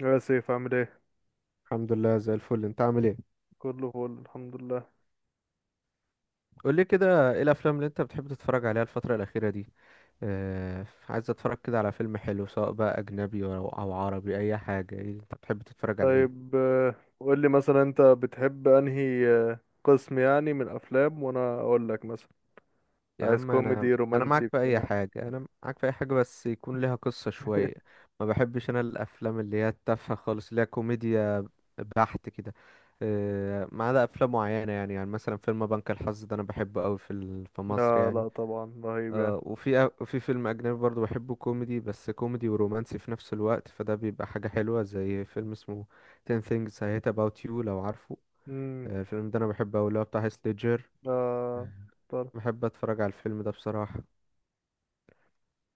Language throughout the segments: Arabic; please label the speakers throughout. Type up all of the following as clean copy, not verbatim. Speaker 1: يا سيف، عامل ايه؟
Speaker 2: الحمد لله زي الفل، انت عامل ايه؟
Speaker 1: كله فل، الحمد لله.
Speaker 2: قول لي كده، ايه الافلام اللي انت بتحب تتفرج عليها الفتره الاخيره دي؟ اه، عايز اتفرج كده على فيلم حلو، سواء بقى اجنبي او عربي، اي حاجه. ايه انت بتحب تتفرج على ايه؟
Speaker 1: طيب، قول لي مثلا انت بتحب انهي قسم يعني من الافلام وانا اقول لك مثلا.
Speaker 2: يا
Speaker 1: عايز
Speaker 2: عم انا
Speaker 1: كوميدي
Speaker 2: انا
Speaker 1: رومانسي
Speaker 2: معاك في اي
Speaker 1: بتاع.
Speaker 2: حاجه، انا معاك في اي حاجه بس يكون ليها قصه شويه. ما بحبش انا الافلام اللي هي التافهه خالص اللي هي كوميديا بحت كده. اه، ما عدا افلام معينه، يعني مثلا فيلم بنك الحظ ده انا بحبه قوي، في مصر
Speaker 1: لا
Speaker 2: يعني.
Speaker 1: لا، طبعا رهيب يعني.
Speaker 2: آه، وفي فيلم أجنبي برضو بحبه، كوميدي، بس كوميدي ورومانسي في نفس الوقت، فده بيبقى حاجة حلوة زي فيلم اسمه 10 things I hate about you، لو عارفه.
Speaker 1: امم.
Speaker 2: آه، الفيلم ده أنا بحبه أوي، اللي هو بتاع هيث ليدجر.
Speaker 1: آه، طرش.
Speaker 2: بحب أتفرج على الفيلم ده بصراحة.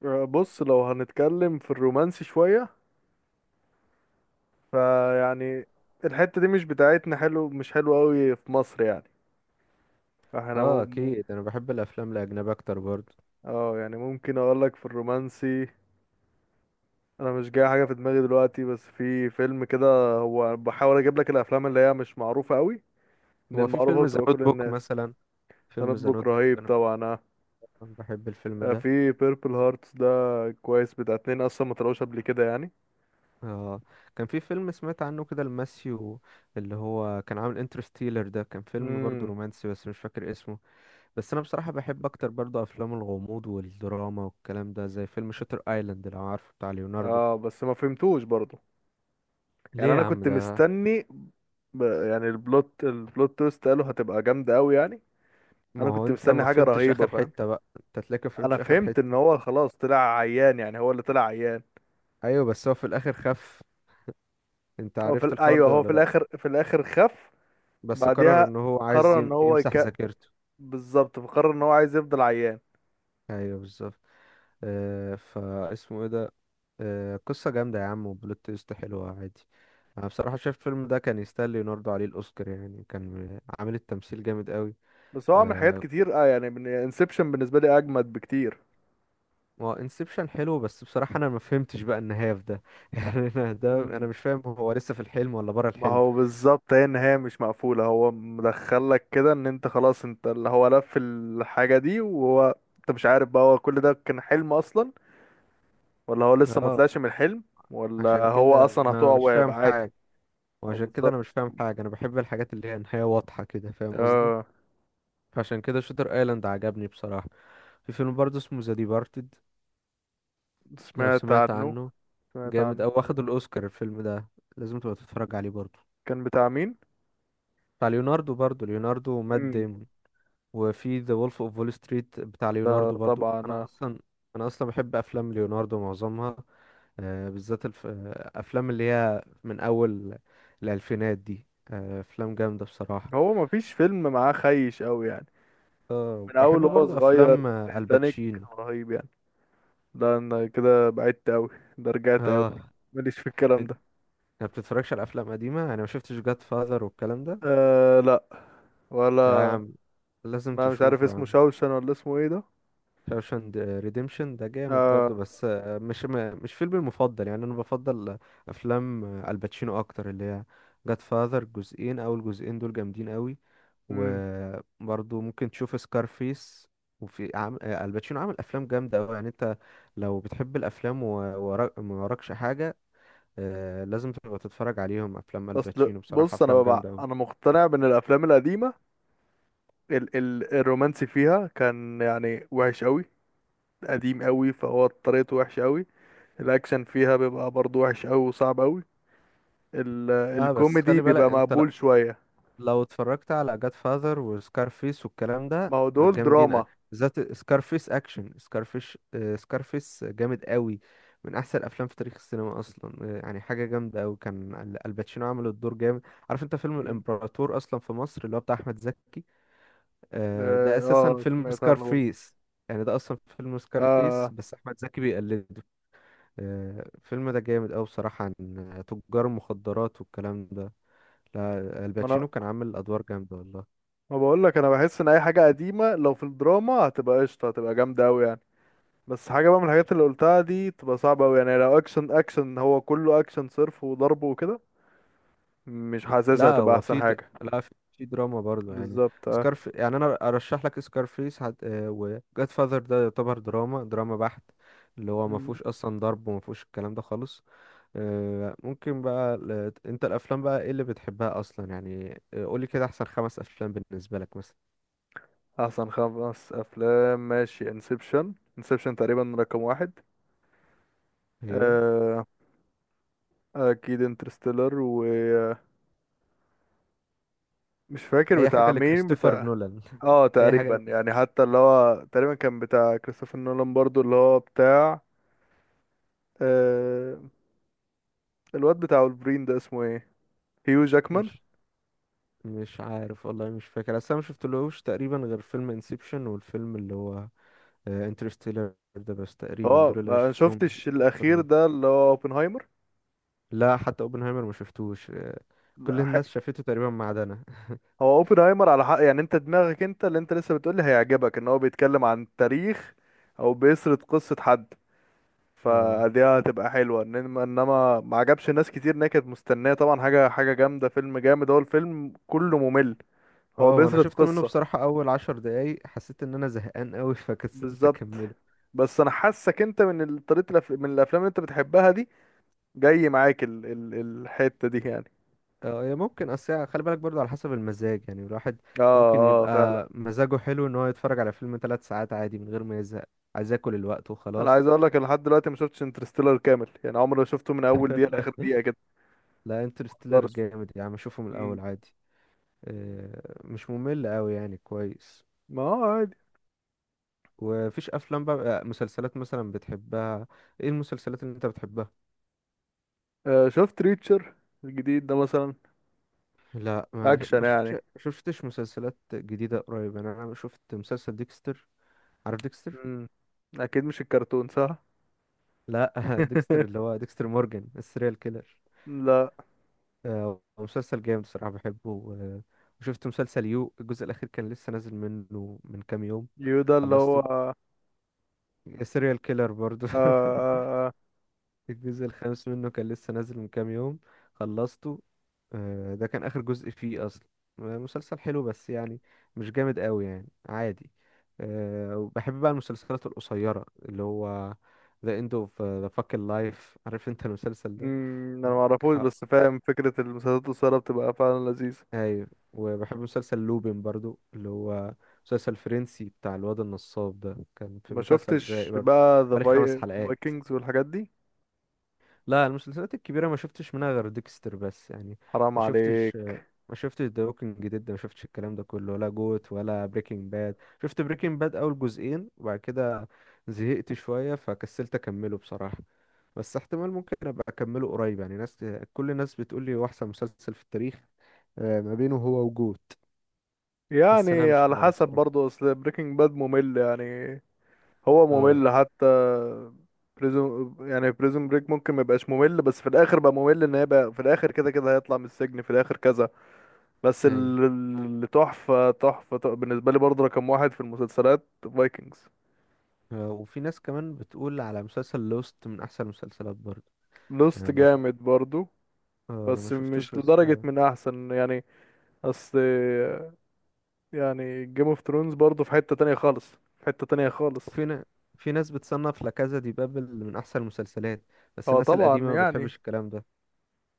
Speaker 1: آه، بص، لو هنتكلم في الرومانسي شوية فيعني الحتة دي مش بتاعتنا، حلو مش حلو قوي في مصر يعني. فاحنا
Speaker 2: اه أكيد، أنا بحب الأفلام الأجنبية أكتر برضو.
Speaker 1: اه، يعني ممكن اقول لك في الرومانسي. انا مش جاي حاجه في دماغي دلوقتي، بس في فيلم كده هو بحاول اجيب لك الافلام اللي هي مش معروفه قوي، ان
Speaker 2: هو في
Speaker 1: المعروفه
Speaker 2: فيلم ذا
Speaker 1: بتبقى
Speaker 2: نوت
Speaker 1: كل
Speaker 2: بوك
Speaker 1: الناس.
Speaker 2: مثلا، فيلم ذا
Speaker 1: سندبوك
Speaker 2: نوت بوك
Speaker 1: رهيب
Speaker 2: أنا بحب،
Speaker 1: طبعا، آه.
Speaker 2: بحب الفيلم
Speaker 1: آه،
Speaker 2: ده.
Speaker 1: في بيربل هارتس ده. كويس، بتاع اتنين اصلا ما طلعوش قبل كده يعني.
Speaker 2: اه، كان في فيلم سمعت عنه كده لماسيو، اللي هو كان عامل انترستيلر، ده كان فيلم برضو
Speaker 1: امم.
Speaker 2: رومانسي بس مش فاكر اسمه. بس انا بصراحة بحب اكتر برضو افلام الغموض والدراما والكلام ده، زي فيلم شاتر ايلاند لو عارفه بتاع ليوناردو.
Speaker 1: اه، بس ما فهمتوش برضو. يعني
Speaker 2: ليه يا
Speaker 1: انا
Speaker 2: عم
Speaker 1: كنت
Speaker 2: ده؟
Speaker 1: مستني، يعني البلوت تويست قالوا هتبقى جامده قوي يعني.
Speaker 2: ما
Speaker 1: انا
Speaker 2: هو
Speaker 1: كنت
Speaker 2: انت
Speaker 1: مستني
Speaker 2: ما
Speaker 1: حاجه
Speaker 2: فهمتش
Speaker 1: رهيبه،
Speaker 2: اخر
Speaker 1: فاهم؟
Speaker 2: حتة بقى، انت تلاقيك ما
Speaker 1: انا
Speaker 2: فهمتش اخر
Speaker 1: فهمت ان
Speaker 2: حتة.
Speaker 1: هو خلاص طلع عيان، يعني هو اللي طلع عيان.
Speaker 2: ايوه بس هو في الاخر خف. انت عرفت الحوار
Speaker 1: ايوه،
Speaker 2: ده
Speaker 1: هو
Speaker 2: ولا
Speaker 1: في
Speaker 2: لا؟
Speaker 1: الاخر خف.
Speaker 2: بس قرر
Speaker 1: بعدها
Speaker 2: ان هو عايز
Speaker 1: قرر ان هو
Speaker 2: يمسح ذاكرته.
Speaker 1: بالظبط، فقرر ان هو عايز يفضل عيان.
Speaker 2: ايوه بالظبط. آه، فاسمه ايه ده؟ آه، قصة جامدة يا عم، وبلوت تويست حلوة عادي. انا بصراحة شايف الفيلم ده كان يستاهل ليوناردو عليه الاوسكار، يعني كان عامل التمثيل جامد قوي.
Speaker 1: بس هو عمل حاجات كتير، يعني من انسبشن بالنسبه لي اجمد بكتير.
Speaker 2: ما هو انسبشن حلو، بس بصراحة انا ما فهمتش بقى النهاية في ده يعني انا ده
Speaker 1: مم.
Speaker 2: انا مش فاهم هو لسه في الحلم ولا بره
Speaker 1: ما
Speaker 2: الحلم.
Speaker 1: هو بالظبط، هي النهايه مش مقفوله، هو مدخلك كده ان انت خلاص، انت اللي هو لف الحاجه دي، وهو انت مش عارف بقى هو كل ده كان حلم اصلا، ولا هو لسه ما
Speaker 2: اه.
Speaker 1: طلعش من الحلم، ولا
Speaker 2: عشان
Speaker 1: هو
Speaker 2: كده
Speaker 1: اصلا
Speaker 2: انا
Speaker 1: هتقع
Speaker 2: مش فاهم
Speaker 1: وهيبقى عادي.
Speaker 2: حاجة.
Speaker 1: هو
Speaker 2: وعشان كده
Speaker 1: بالظبط.
Speaker 2: انا مش فاهم حاجة، انا بحب الحاجات اللي هي نهاية واضحة كده، فاهم قصدي؟
Speaker 1: اه.
Speaker 2: عشان كده شوتر ايلاند عجبني بصراحة. في فيلم برضه اسمه ذا ديبارتد، لو
Speaker 1: سمعت
Speaker 2: سمعت
Speaker 1: عنه.
Speaker 2: عنه.
Speaker 1: سمعت
Speaker 2: جامد،
Speaker 1: عنه.
Speaker 2: او واخد الاوسكار الفيلم ده، لازم تبقى تتفرج عليه برضه.
Speaker 1: كان بتاع مين؟
Speaker 2: بتاع ليوناردو برضه، ليوناردو ومات
Speaker 1: مم.
Speaker 2: ديمون. وفي ذا وولف اوف وول ستريت بتاع
Speaker 1: ده
Speaker 2: ليوناردو برضو،
Speaker 1: طبعا،
Speaker 2: انا
Speaker 1: آه.
Speaker 2: اصلا، انا اصلا بحب افلام ليوناردو معظمها. بالذات الف... آه، افلام اللي هي من اول الالفينات دي، افلام جامده بصراحه.
Speaker 1: هو مفيش فيلم معاه خيش قوي يعني، من
Speaker 2: بحب
Speaker 1: اول وهو
Speaker 2: برضو
Speaker 1: صغير.
Speaker 2: افلام
Speaker 1: تايتانيك
Speaker 2: الباتشينو.
Speaker 1: رهيب يعني. ده انا كده بعدت قوي، ده رجعت قوي.
Speaker 2: اه،
Speaker 1: ماليش في الكلام
Speaker 2: انت
Speaker 1: ده.
Speaker 2: ما بتتفرجش على افلام قديمه؟ انا ما شفتش جاد فاذر والكلام ده.
Speaker 1: آه، لا.
Speaker 2: لا يا
Speaker 1: ولا.
Speaker 2: عم، لازم
Speaker 1: ما مش عارف
Speaker 2: تشوفه يا
Speaker 1: اسمه
Speaker 2: عم.
Speaker 1: شوشن ولا اسمه ايه ده.
Speaker 2: شاوشاند ريديمشن ده جامد
Speaker 1: آه.
Speaker 2: برضو، بس مش مش فيلمي المفضل يعني، انا بفضل افلام الباتشينو اكتر، اللي هي جاد فاذر جزئين، او الجزئين دول جامدين قوي.
Speaker 1: مم.
Speaker 2: وبرضو ممكن تشوف سكارفيس. وفي عم... آه، الباتشينو عامل افلام جامده قوي، يعني انت لو بتحب الافلام، ما وراكش حاجه، لازم تبقى تتفرج عليهم افلام
Speaker 1: اصل
Speaker 2: الباتشينو بصراحه،
Speaker 1: بص،
Speaker 2: افلام جامده قوي.
Speaker 1: انا مقتنع بان الافلام القديمه، الرومانسي فيها كان يعني وحش قوي، قديم قوي، فهو طريقته وحش قوي. الاكشن فيها بيبقى برضو وحش قوي وصعب قوي.
Speaker 2: لا بس
Speaker 1: الكوميدي
Speaker 2: خلي بالك
Speaker 1: بيبقى
Speaker 2: انت،
Speaker 1: مقبول شويه.
Speaker 2: لو اتفرجت على جاد فاذر وسكارفيس والكلام ده،
Speaker 1: ما هو دول
Speaker 2: جامدين
Speaker 1: دراما.
Speaker 2: بالذات سكارفيس اكشن. سكارفيش آه، سكارفيس جامد قوي، من احسن الافلام في تاريخ السينما اصلا. يعني حاجه جامده قوي، كان الباتشينو عمل الدور جامد. عارف انت فيلم
Speaker 1: مم.
Speaker 2: الامبراطور اصلا في مصر اللي هو بتاع احمد زكي؟ ده
Speaker 1: اه،
Speaker 2: اساسا فيلم
Speaker 1: سمعت عنه برضه.
Speaker 2: سكارفيس، يعني ده اصلا فيلم سكارفيس
Speaker 1: اه،
Speaker 2: بس احمد زكي بيقلده. الفيلم ده جامد قوي بصراحه، عن تجار المخدرات والكلام ده. لا،
Speaker 1: ما انا
Speaker 2: الباتشينو كان عامل ادوار جامده والله.
Speaker 1: ما بقول لك، انا بحس ان اي حاجه قديمه لو في الدراما هتبقى قشطه، هتبقى جامده قوي يعني. بس حاجه بقى من الحاجات اللي قلتها دي تبقى صعبه قوي يعني، لو اكشن، اكشن هو كله اكشن صرف وضرب وكده، مش حاسسها
Speaker 2: لا
Speaker 1: هتبقى
Speaker 2: هو
Speaker 1: احسن حاجه.
Speaker 2: لا، في دراما برضه يعني.
Speaker 1: بالظبط، اه.
Speaker 2: سكارف يعني انا ارشح لك سكارفيس، هت... آه، و جاد فاذر ده يعتبر دراما، دراما بحت، اللي هو ما
Speaker 1: مم.
Speaker 2: فيهوش اصلا ضرب، وما فيهوش الكلام ده خالص. ممكن بقى، انت الافلام بقى ايه اللي بتحبها اصلا يعني، قولي كده احسن خمس افلام بالنسبه لك مثلا.
Speaker 1: احسن خمس افلام، ماشي. انسبشن، انسبشن تقريبا رقم واحد.
Speaker 2: ايوه.
Speaker 1: آه، اكيد انترستيلر، ومش فاكر
Speaker 2: اي حاجه
Speaker 1: بتاع مين
Speaker 2: لكريستوفر
Speaker 1: بتاع.
Speaker 2: نولان.
Speaker 1: اه،
Speaker 2: اي حاجه
Speaker 1: تقريبا
Speaker 2: لكريستوفر.
Speaker 1: يعني حتى اللي هو تقريبا كان بتاع كريستوفر نولان برضو اللي هو بتاع، آه الواد بتاع ولفرين ده اسمه ايه؟ هيو جاكمان.
Speaker 2: مش مش عارف والله، مش فاكر، اصل انا ما شفتلهوش تقريبا غير فيلم انسبشن، والفيلم اللي هو انترستيلر ده بس، تقريبا
Speaker 1: اه،
Speaker 2: دول اللي انا
Speaker 1: ما
Speaker 2: شفتهم.
Speaker 1: شفتش الاخير
Speaker 2: بيقارنوا.
Speaker 1: ده اللي هو اوبنهايمر.
Speaker 2: لا، حتى اوبنهايمر ما شفتوش. كل
Speaker 1: لا ح-
Speaker 2: الناس شافته تقريبا ما عدا انا
Speaker 1: هو اوبنهايمر على حق، يعني انت دماغك، انت اللي انت لسه بتقولي هيعجبك ان هو بيتكلم عن تاريخ، او بيسرد قصة حد،
Speaker 2: اه.
Speaker 1: فدي هتبقى حلوة، انما ما عجبش ناس كتير ان هي كانت مستنية طبعا حاجة حاجة جامدة، فيلم جامد، هو الفيلم كله ممل. هو
Speaker 2: اه، وانا
Speaker 1: بيسرد
Speaker 2: شفت منه
Speaker 1: قصة،
Speaker 2: بصراحة اول عشر دقايق حسيت ان انا زهقان قوي فكسلت
Speaker 1: بالظبط.
Speaker 2: اكمله.
Speaker 1: بس انا حاسك انت من الافلام اللي انت بتحبها دي جاي معاك الحته دي يعني.
Speaker 2: اه هي ممكن، اصل خلي بالك برضو على حسب المزاج يعني، الواحد
Speaker 1: اه،
Speaker 2: ممكن
Speaker 1: اه، فعلا.
Speaker 2: يبقى مزاجه حلو ان هو يتفرج على فيلم ثلاث ساعات عادي من غير ما يزهق. عايز اكل الوقت
Speaker 1: انا
Speaker 2: وخلاص.
Speaker 1: عايز اقول لك، أنا لحد دلوقتي ما شفتش انترستيلر كامل، يعني عمري ما شفته من اول دقيقه لاخر دقيقه كده.
Speaker 2: لا،
Speaker 1: ما
Speaker 2: انترستيلر
Speaker 1: اقدرش.
Speaker 2: جامد يا عم، اشوفه من
Speaker 1: مم.
Speaker 2: الاول عادي. مش ممل قوي يعني، كويس.
Speaker 1: ما هو عادي.
Speaker 2: ومفيش افلام بقى، مسلسلات مثلا بتحبها؟ ايه المسلسلات اللي انت بتحبها؟
Speaker 1: آه، شفت ريتشر الجديد ده مثلا؟
Speaker 2: لا، ما
Speaker 1: اكشن
Speaker 2: ما شفتش ما
Speaker 1: يعني.
Speaker 2: شفتش مسلسلات جديده قريب يعني، انا شفت مسلسل ديكستر. عارف ديكستر؟
Speaker 1: مم. اكيد مش الكرتون، صح؟
Speaker 2: لا ديكستر اللي هو ديكستر مورجان السيريال كيلر.
Speaker 1: لا.
Speaker 2: مسلسل جامد بصراحه بحبه وشفت مسلسل يو، الجزء الاخير كان لسه نازل منه من كام يوم،
Speaker 1: يودا اللي هو
Speaker 2: خلصت. السيريال كيلر برضو
Speaker 1: آه. آه. آه.
Speaker 2: الجزء الخامس منه كان لسه نازل من كام يوم، خلصته. ده كان آخر جزء فيه أصلا. مسلسل حلو بس يعني، مش جامد قوي يعني، عادي. وبحب بقى المسلسلات القصيرة، اللي هو The End of the Fucking Life، عارف انت المسلسل ده؟
Speaker 1: مم، انا ما
Speaker 2: آه،
Speaker 1: اعرفوش،
Speaker 2: ح-
Speaker 1: بس فاهم فكره المسلسلات القصيره بتبقى فعلا لذيذه.
Speaker 2: ايوه. وبحب مسلسل لوبين برضو، اللي هو مسلسل فرنسي بتاع الواد النصاب ده، كان في
Speaker 1: ما
Speaker 2: مسلسل رايق
Speaker 1: شفتش
Speaker 2: برضو،
Speaker 1: بقى ذا
Speaker 2: حوالي خمس حلقات.
Speaker 1: فايكنجز والحاجات دي؟
Speaker 2: لا، المسلسلات الكبيرة ما شفتش منها غير ديكستر بس يعني،
Speaker 1: حرام
Speaker 2: ما شفتش
Speaker 1: عليك.
Speaker 2: ما شفتش ذا ووكينج ديد، ما شفتش الكلام ده كله، ولا جوت، ولا بريكنج باد. شفت بريكنج باد أول جزئين، وبعد كده زهقت شوية فكسلت أكمله بصراحة، بس احتمال ممكن أبقى أكمله قريب يعني. ناس، كل الناس بتقول لي هو أحسن مسلسل في التاريخ. ما بينه هو وجوت. بس أنا
Speaker 1: يعني
Speaker 2: مش
Speaker 1: على
Speaker 2: عارف
Speaker 1: حسب
Speaker 2: بصراحة.
Speaker 1: برضه، اصل بريكنج باد ممل يعني، هو
Speaker 2: اه.
Speaker 1: ممل حتى. بريزون بريك ممكن ما يبقاش ممل، بس في الاخر بقى ممل، ان هي بقى في الاخر كده كده هيطلع من السجن في الاخر كذا. بس
Speaker 2: أيوه.
Speaker 1: ال- اللي تحفة تحفة تحفة بالنسبة لي برضه، رقم واحد في المسلسلات، فايكنجز.
Speaker 2: وفي ناس كمان بتقول على مسلسل لوست من أحسن المسلسلات برضه.
Speaker 1: لوست
Speaker 2: أنا ما شف-
Speaker 1: جامد برضه،
Speaker 2: أنا ما
Speaker 1: بس
Speaker 2: شفتوش
Speaker 1: مش
Speaker 2: بس.
Speaker 1: لدرجة من احسن يعني. اصل يعني جيم اوف ثرونز برضه في حتة تانية خالص، في حتة تانية خالص.
Speaker 2: وفي ن... في ناس بتصنف لا كازا دي بابل من احسن المسلسلات، بس
Speaker 1: هو
Speaker 2: الناس
Speaker 1: طبعا
Speaker 2: القديمه ما
Speaker 1: يعني،
Speaker 2: بتحبش الكلام ده.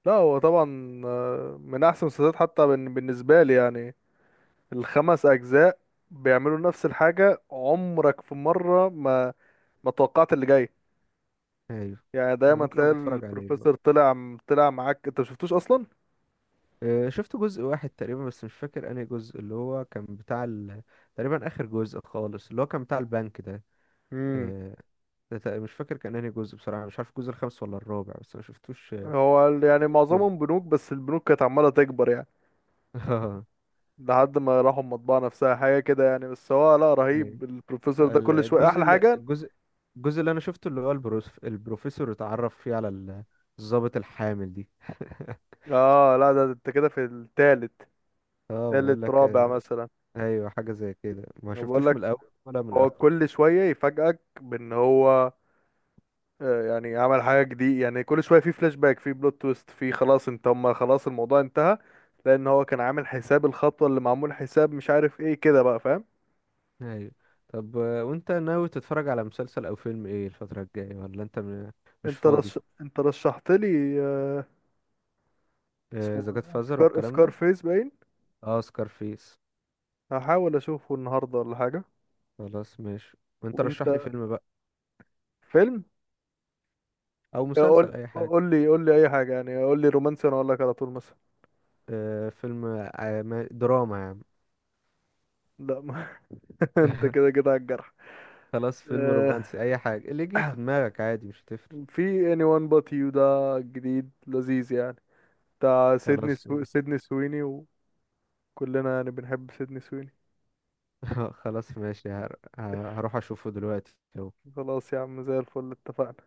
Speaker 1: لا هو طبعا، من احسن المسلسلات، حتى بالنسبة لي يعني. الخمس اجزاء بيعملوا نفس الحاجة، عمرك في مرة ما ما توقعت اللي جاي.
Speaker 2: ايوه.
Speaker 1: يعني
Speaker 2: انا
Speaker 1: دايما
Speaker 2: ممكن
Speaker 1: تلاقي
Speaker 2: ابقى اتفرج عليه برضه.
Speaker 1: البروفيسور طلع معاك، انت مشفتوش اصلا.
Speaker 2: شفت جزء واحد تقريبا، بس مش فاكر انهي جزء، اللي هو كان بتاع تقريبا اخر جزء خالص، اللي هو كان بتاع البنك ده.
Speaker 1: امم.
Speaker 2: آه، ده مش فاكر كان انهي جزء بصراحه، مش عارف الجزء الخامس ولا الرابع، بس ما شفتوش ما
Speaker 1: يعني
Speaker 2: شفتوش كله
Speaker 1: معظمهم بنوك، بس البنوك كانت عمالة تكبر يعني،
Speaker 2: اه.
Speaker 1: لحد ما راحوا المطبعة نفسها حاجة كده يعني. بس هو لا،
Speaker 2: أيوة.
Speaker 1: رهيب البروفيسور ده، كل شوية
Speaker 2: الجزء
Speaker 1: أحلى حاجة.
Speaker 2: الجزء اللي انا شفته، اللي هو البروفيسور اتعرف فيه على الضابط الحامل دي
Speaker 1: اه لا، ده انت كده في التالت،
Speaker 2: اه بقول
Speaker 1: تالت
Speaker 2: لك،
Speaker 1: رابع مثلا.
Speaker 2: ايوه حاجه زي كده، ما
Speaker 1: انا بقول
Speaker 2: شفتوش من
Speaker 1: لك،
Speaker 2: الاول ولا من
Speaker 1: هو
Speaker 2: اخره.
Speaker 1: كل شويه يفاجئك بان هو يعني عمل حاجه جديده، يعني كل شويه في فلاش باك، في بلوت تويست، في خلاص انت هم، خلاص الموضوع انتهى، لان هو كان عامل حساب الخطوه اللي معمول حساب، مش عارف ايه كده بقى فاهم.
Speaker 2: ايوه. طب وانت ناوي تتفرج على مسلسل او فيلم ايه الفتره الجايه؟ ولا انت مش فاضي؟
Speaker 1: انت رشحت لي، اسمه
Speaker 2: اذا
Speaker 1: إيه؟
Speaker 2: جت
Speaker 1: ده؟
Speaker 2: فازر والكلام
Speaker 1: سكار
Speaker 2: ده.
Speaker 1: فيس باين.
Speaker 2: اه، سكارفيس.
Speaker 1: هحاول اشوفه النهارده ولا حاجه.
Speaker 2: خلاص ماشي. وانت
Speaker 1: وانت،
Speaker 2: رشح لي فيلم بقى،
Speaker 1: فيلم،
Speaker 2: او مسلسل،
Speaker 1: قول
Speaker 2: اي حاجه.
Speaker 1: قول لي قول لي اي حاجه يعني، قول لي رومانسي انا اقول لك على طول مثلا.
Speaker 2: آه، فيلم دراما يا عم.
Speaker 1: لا، انت كده كده على الجرح.
Speaker 2: خلاص، فيلم
Speaker 1: آه،
Speaker 2: رومانسي، اي حاجه اللي يجي في دماغك عادي، مش هتفرق.
Speaker 1: في anyone but you ده، جديد لذيذ يعني، بتاع
Speaker 2: خلاص ماشي.
Speaker 1: سيدني سويني. وكلنا يعني بنحب سيدني سويني.
Speaker 2: خلاص ماشي، هروح اشوفه دلوقتي اهو.
Speaker 1: خلاص يا عم، زي الفل، اتفقنا.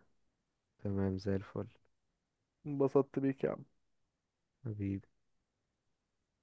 Speaker 2: تمام زي الفل.
Speaker 1: انبسطت بيك يا عم.
Speaker 2: حبيبي.